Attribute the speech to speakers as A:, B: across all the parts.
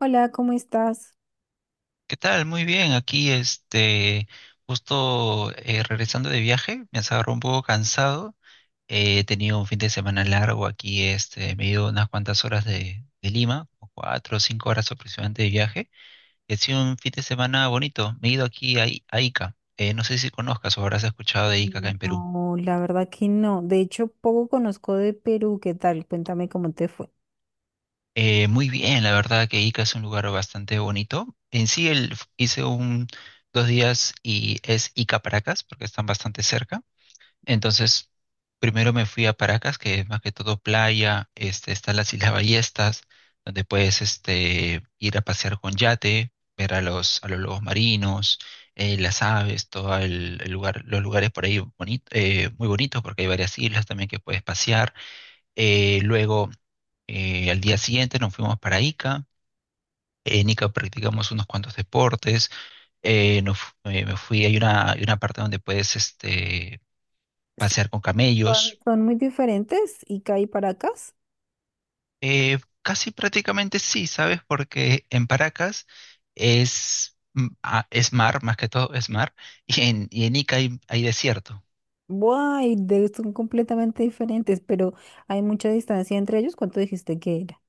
A: Hola, ¿cómo estás?
B: ¿Qué tal? Muy bien, aquí este, justo regresando de viaje, me agarró un poco cansado. He tenido un fin de semana largo aquí, este, me he ido unas cuantas horas de Lima, como cuatro o cinco horas aproximadamente de viaje. Ha sido un fin de semana bonito. Me he ido aquí a Ica. No sé si conozcas o habrás escuchado de Ica acá en Perú.
A: No, la verdad que no. De hecho, poco conozco de Perú. ¿Qué tal? Cuéntame cómo te fue.
B: Muy bien, la verdad que Ica es un lugar bastante bonito. En sí, hice dos días y es Ica Paracas, porque están bastante cerca. Entonces, primero me fui a Paracas, que es más que todo playa, este, están las Islas Ballestas, donde puedes este, ir a pasear con yate, ver a a los lobos marinos, las aves, todo el lugar, los lugares por ahí bonito, muy bonitos, porque hay varias islas también que puedes pasear. Eh, luego, Al día siguiente nos fuimos para Ica. En Ica practicamos unos cuantos deportes. Me fui, hay una parte donde puedes este,
A: ¿Son,
B: pasear con
A: son-
B: camellos.
A: son muy diferentes Ica y Paracas?
B: Casi prácticamente sí, ¿sabes? Porque en Paracas es mar, más que todo es mar, y y en Ica hay desierto.
A: Buah, son completamente diferentes, pero hay mucha distancia entre ellos. ¿Cuánto dijiste que era?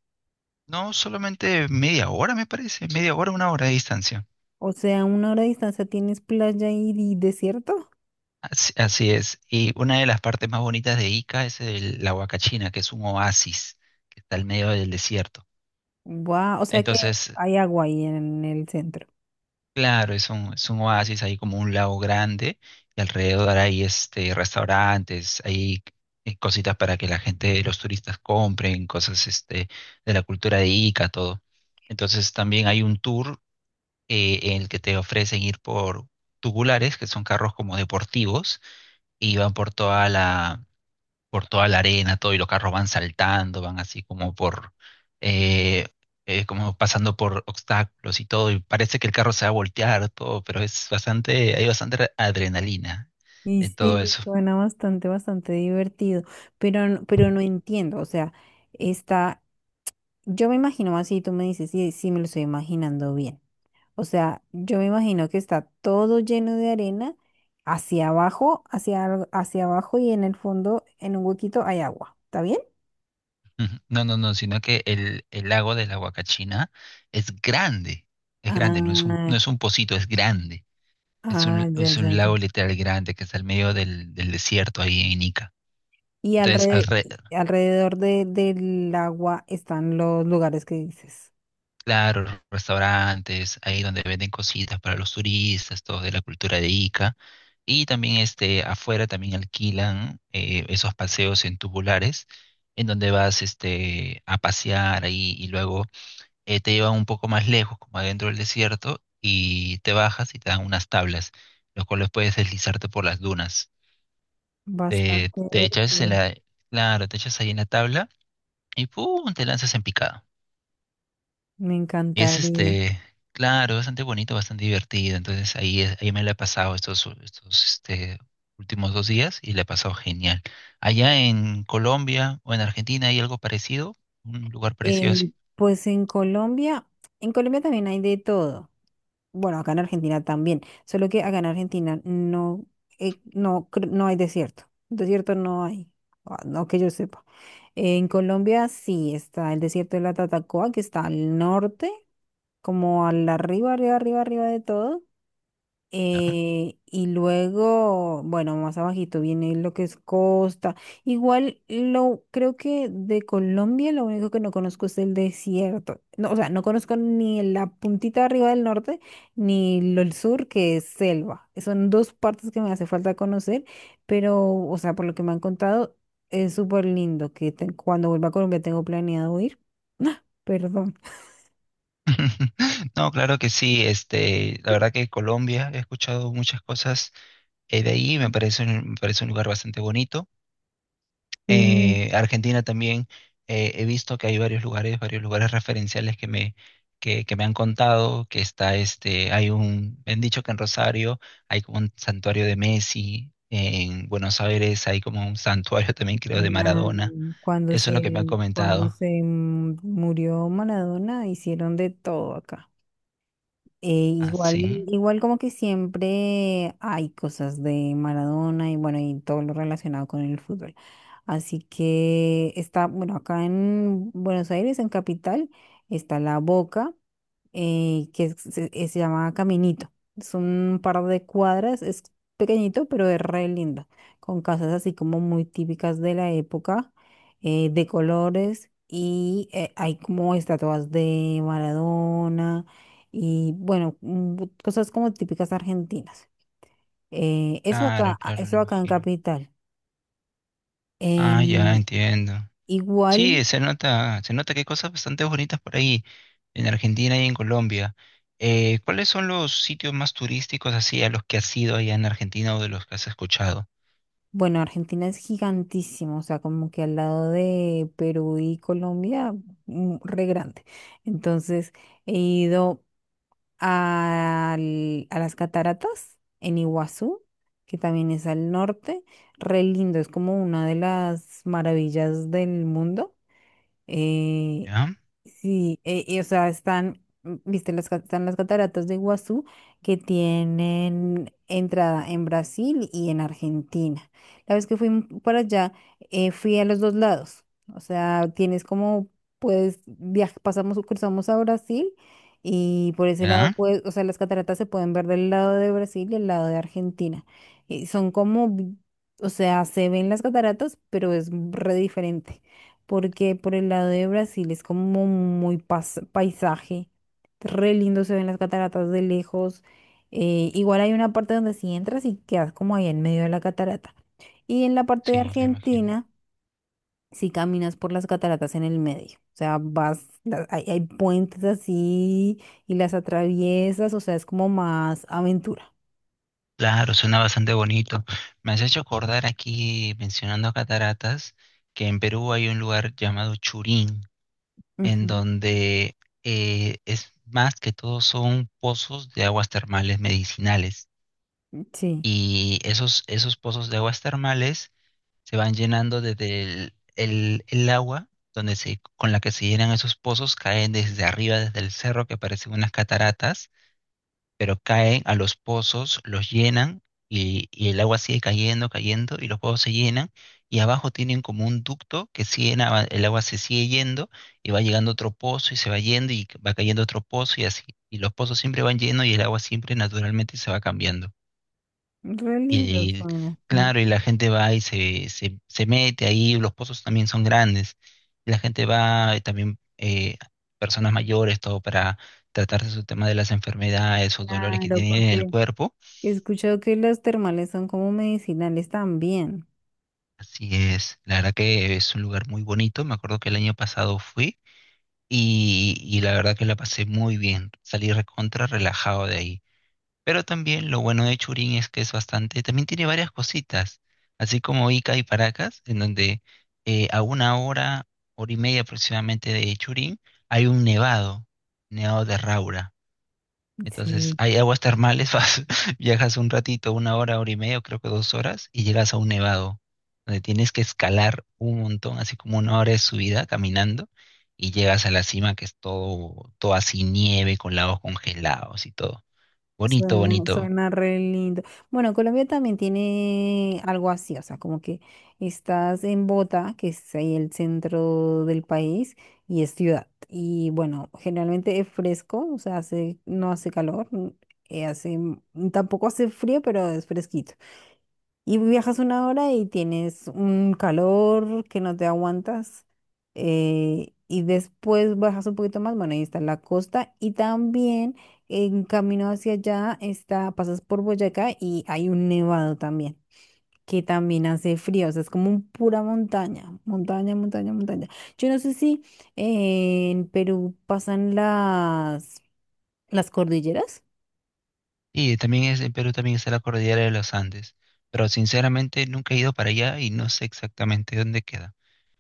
B: No, solamente media hora, me parece, media hora, una hora de distancia.
A: O sea, una hora de distancia tienes playa y desierto.
B: Así, así es. Y una de las partes más bonitas de Ica es la Huacachina, que es un oasis que está al medio del desierto.
A: ¡Guau! O sea que
B: Entonces,
A: hay agua ahí en el centro.
B: claro, es un oasis, ahí como un lago grande y alrededor hay este, restaurantes, hay cositas para que la gente, los turistas compren, cosas este, de la cultura de Ica, todo. Entonces también hay un tour en el que te ofrecen ir por tubulares, que son carros como deportivos, y van por toda por toda la arena, todo, y los carros van saltando, van así como eh, como pasando por obstáculos y todo, y parece que el carro se va a voltear, todo, pero es bastante, hay bastante adrenalina
A: Y
B: en todo
A: sí,
B: eso.
A: suena bastante, bastante divertido, pero, pero no entiendo, o sea, está. Yo me imagino así, tú me dices, sí, sí, me lo estoy imaginando bien. O sea, yo me imagino que está todo lleno de arena hacia abajo, hacia, hacia abajo y en el fondo, en un huequito, hay agua. ¿Está bien?
B: Ujú. No, no, no, sino que el lago de la Huacachina es grande, es grande,
A: Ah,
B: no es un pocito, es grande.
A: ah, ya,
B: Es
A: ya,
B: un lago
A: ya.
B: literal grande que está al medio del desierto ahí en Ica.
A: Y
B: Entonces,
A: alre-
B: alrededor,
A: alrededor de- del agua están los lugares que dices.
B: claro, restaurantes, ahí donde venden cositas para los turistas, todo de la cultura de Ica. Y también este, afuera también alquilan esos paseos en tubulares, en donde vas este, a pasear ahí y luego te llevan un poco más lejos, como adentro del desierto, y te bajas y te dan unas tablas, los cuales puedes deslizarte por las dunas.
A: Bastante
B: Te echas en
A: divertido.
B: la, claro, te echas ahí en la tabla y ¡pum! Te lanzas en picada.
A: Me
B: Y es
A: encantaría.
B: este, claro, bastante bonito, bastante divertido. Entonces ahí, ahí me la he pasado estos, estos este, últimos dos días y la he pasado genial. Allá en Colombia o en Argentina hay algo parecido, un lugar parecido
A: Eh,
B: así,
A: pues en Colombia también hay de todo. Bueno, acá en Argentina también, solo que acá en Argentina no, no, no hay desierto. Desierto no hay, ah, no que yo sepa. En Colombia sí está el desierto de la Tatacoa, que está al norte, como al arriba, arriba, arriba, arriba de todo.
B: ¿no?
A: Y luego, bueno, más abajito viene lo que es costa. Igual lo creo que de Colombia lo único que no conozco es el desierto. No, o sea, no conozco ni la puntita arriba del norte ni lo del sur, que es selva. Son dos partes que me hace falta conocer, pero, o sea, por lo que me han contado, es súper lindo que cuando vuelva a Colombia tengo planeado ir. Perdón.
B: No, claro que sí. Este, la verdad que Colombia he escuchado muchas cosas de ahí. Me parece un lugar bastante bonito.
A: Sí.
B: Argentina también he visto que hay varios lugares referenciales que me han contado, que está este, hay un, me han dicho que en Rosario hay como un santuario de Messi, en Buenos Aires hay como un santuario también creo de
A: La,
B: Maradona.
A: cuando
B: Eso es lo que me han
A: se,
B: comentado.
A: murió Maradona, hicieron de todo acá.
B: Ah,
A: Igual,
B: sí,
A: igual como que siempre hay cosas de Maradona y bueno, y todo lo relacionado con el fútbol. Así que está, bueno, acá en Buenos Aires, en Capital, está la Boca, que se llama Caminito. Es un par de cuadras, es pequeñito, pero es re lindo, con casas así como muy típicas de la época, de colores, y hay como estatuas de Maradona y bueno, cosas como típicas argentinas. Eso
B: claro,
A: acá,
B: claro, lo
A: eso acá en
B: imagino.
A: Capital.
B: Ah, ya
A: Eh,
B: entiendo.
A: igual.
B: Sí, se nota que hay cosas bastante bonitas por ahí, en Argentina y en Colombia. ¿Cuáles son los sitios más turísticos así a los que has ido allá en Argentina o de los que has escuchado?
A: Bueno, Argentina es gigantísimo, o sea, como que al lado de Perú y Colombia, mm, re grande. Entonces, he ido a las cataratas en Iguazú, que también es al norte, re lindo, es como una de las maravillas del mundo. Eh,
B: ¿Ya?
A: sí, o sea, están, mm, viste, las, están las cataratas de Iguazú que tienen entrada en Brasil y en Argentina. La vez que fui para allá, fui a los dos lados. O sea, tienes como, pues, pasamos, o cruzamos a Brasil y por ese lado,
B: ¿Ya?
A: pues, o sea, las cataratas se pueden ver del lado de Brasil y el lado de Argentina. Y son como, o sea, se ven las cataratas, pero es re diferente porque por el lado de Brasil es como muy paisaje, re lindo se ven las cataratas de lejos, igual hay una parte donde si entras y quedas como ahí en medio de la catarata, y en la parte de
B: Sí, le imagino.
A: Argentina si caminas por las cataratas en el medio, o sea, vas, hay, hay puentes así y las atraviesas, o sea, es como más aventura.
B: Claro, suena bastante bonito. Me has hecho acordar aquí, mencionando cataratas, que en Perú hay un lugar llamado Churín, en
A: Ujú.
B: donde es más que todo son pozos de aguas termales medicinales.
A: Sí,
B: Y esos, esos pozos de aguas termales se van llenando desde el agua donde se, con la que se llenan esos pozos, caen desde arriba, desde el cerro, que parecen unas cataratas, pero caen a los pozos, los llenan y el agua sigue cayendo, cayendo y los pozos se llenan y abajo tienen como un ducto que sigue, en el agua se sigue yendo y va llegando otro pozo y se va yendo y va cayendo otro pozo y así. Y los pozos siempre van llenos y el agua siempre naturalmente se va cambiando.
A: re lindo
B: Y
A: suena. Mm.
B: claro, y la gente va y se mete ahí, los pozos también son grandes. Y la gente va, y también personas mayores, todo para tratarse su tema de las enfermedades o dolores que
A: Claro,
B: tienen en el
A: porque
B: cuerpo.
A: he escuchado que los termales son como medicinales también.
B: Así es, la verdad que es un lugar muy bonito. Me acuerdo que el año pasado fui y la verdad que la pasé muy bien. Salí recontra relajado de ahí. Pero también lo bueno de Churín es que es bastante, también tiene varias cositas, así como Ica y Paracas, en donde a una hora, hora y media aproximadamente de Churín, hay un nevado, nevado de Raura. Entonces
A: Sí.
B: hay aguas termales, viajas un ratito, una hora, hora y media, o creo que dos horas, y llegas a un nevado, donde tienes que escalar un montón, así como una hora de subida caminando, y llegas a la cima que es todo, todo así nieve, con lagos congelados y todo. Bonito,
A: Suena,
B: bonito.
A: suena re lindo. Bueno, Colombia también tiene algo así, o sea, como que estás en Bogotá, que es ahí el centro del país, y es ciudad. Y bueno, generalmente es fresco, o sea, hace, no hace calor, mm, hace, mm, tampoco hace frío, pero es fresquito. Y viajas una hora y tienes un calor que no te aguantas. Y después bajas un poquito más, bueno, ahí está la costa. Y también en camino hacia allá está, pasas por Boyacá y hay un nevado también, que también hace frío. O sea, es como un pura montaña, montaña, montaña, montaña. Yo no sé si en Perú pasan las cordilleras.
B: Y también es, en Perú también está la cordillera de los Andes, pero sinceramente nunca he ido para allá y no sé exactamente dónde queda.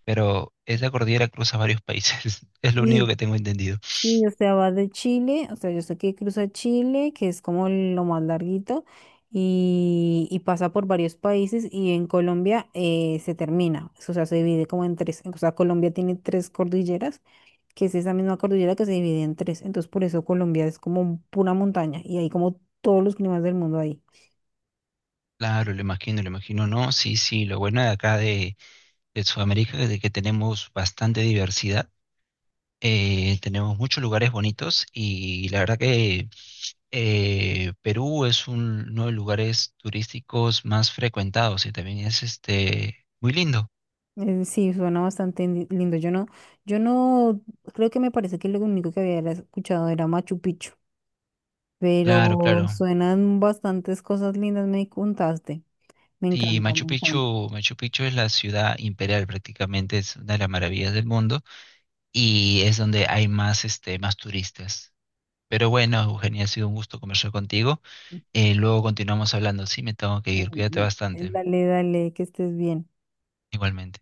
B: Pero esa cordillera cruza varios países, es lo único
A: Sí.
B: que tengo entendido.
A: Sí, o sea, va de Chile, o sea, yo sé que cruza Chile, que es como lo más larguito, y pasa por varios países y en Colombia se termina, o sea, se divide como en tres, o sea, Colombia tiene tres cordilleras, que es esa misma cordillera que se divide en tres, entonces por eso Colombia es como pura montaña y hay como todos los climas del mundo ahí.
B: Claro, lo imagino, lo imagino. No, sí, sí, lo bueno de acá de Sudamérica es de que tenemos bastante diversidad, tenemos muchos lugares bonitos y la verdad que Perú es uno de los lugares turísticos más frecuentados y también es este, muy lindo.
A: Sí, suena bastante lindo. Yo no, yo no, creo que me parece que lo único que había era escuchado era Machu Picchu.
B: Claro,
A: Pero
B: claro.
A: suenan bastantes cosas lindas, me contaste. Me
B: Sí,
A: encanta,
B: Machu
A: me encanta.
B: Picchu, Machu Picchu es la ciudad imperial prácticamente, es una de las maravillas del mundo y es donde hay más, este, más turistas. Pero bueno, Eugenia, ha sido un gusto conversar contigo. Luego continuamos hablando. Sí, me tengo que ir.
A: Mm,
B: Cuídate
A: mm.
B: bastante.
A: Dale, dale, que estés bien.
B: Igualmente.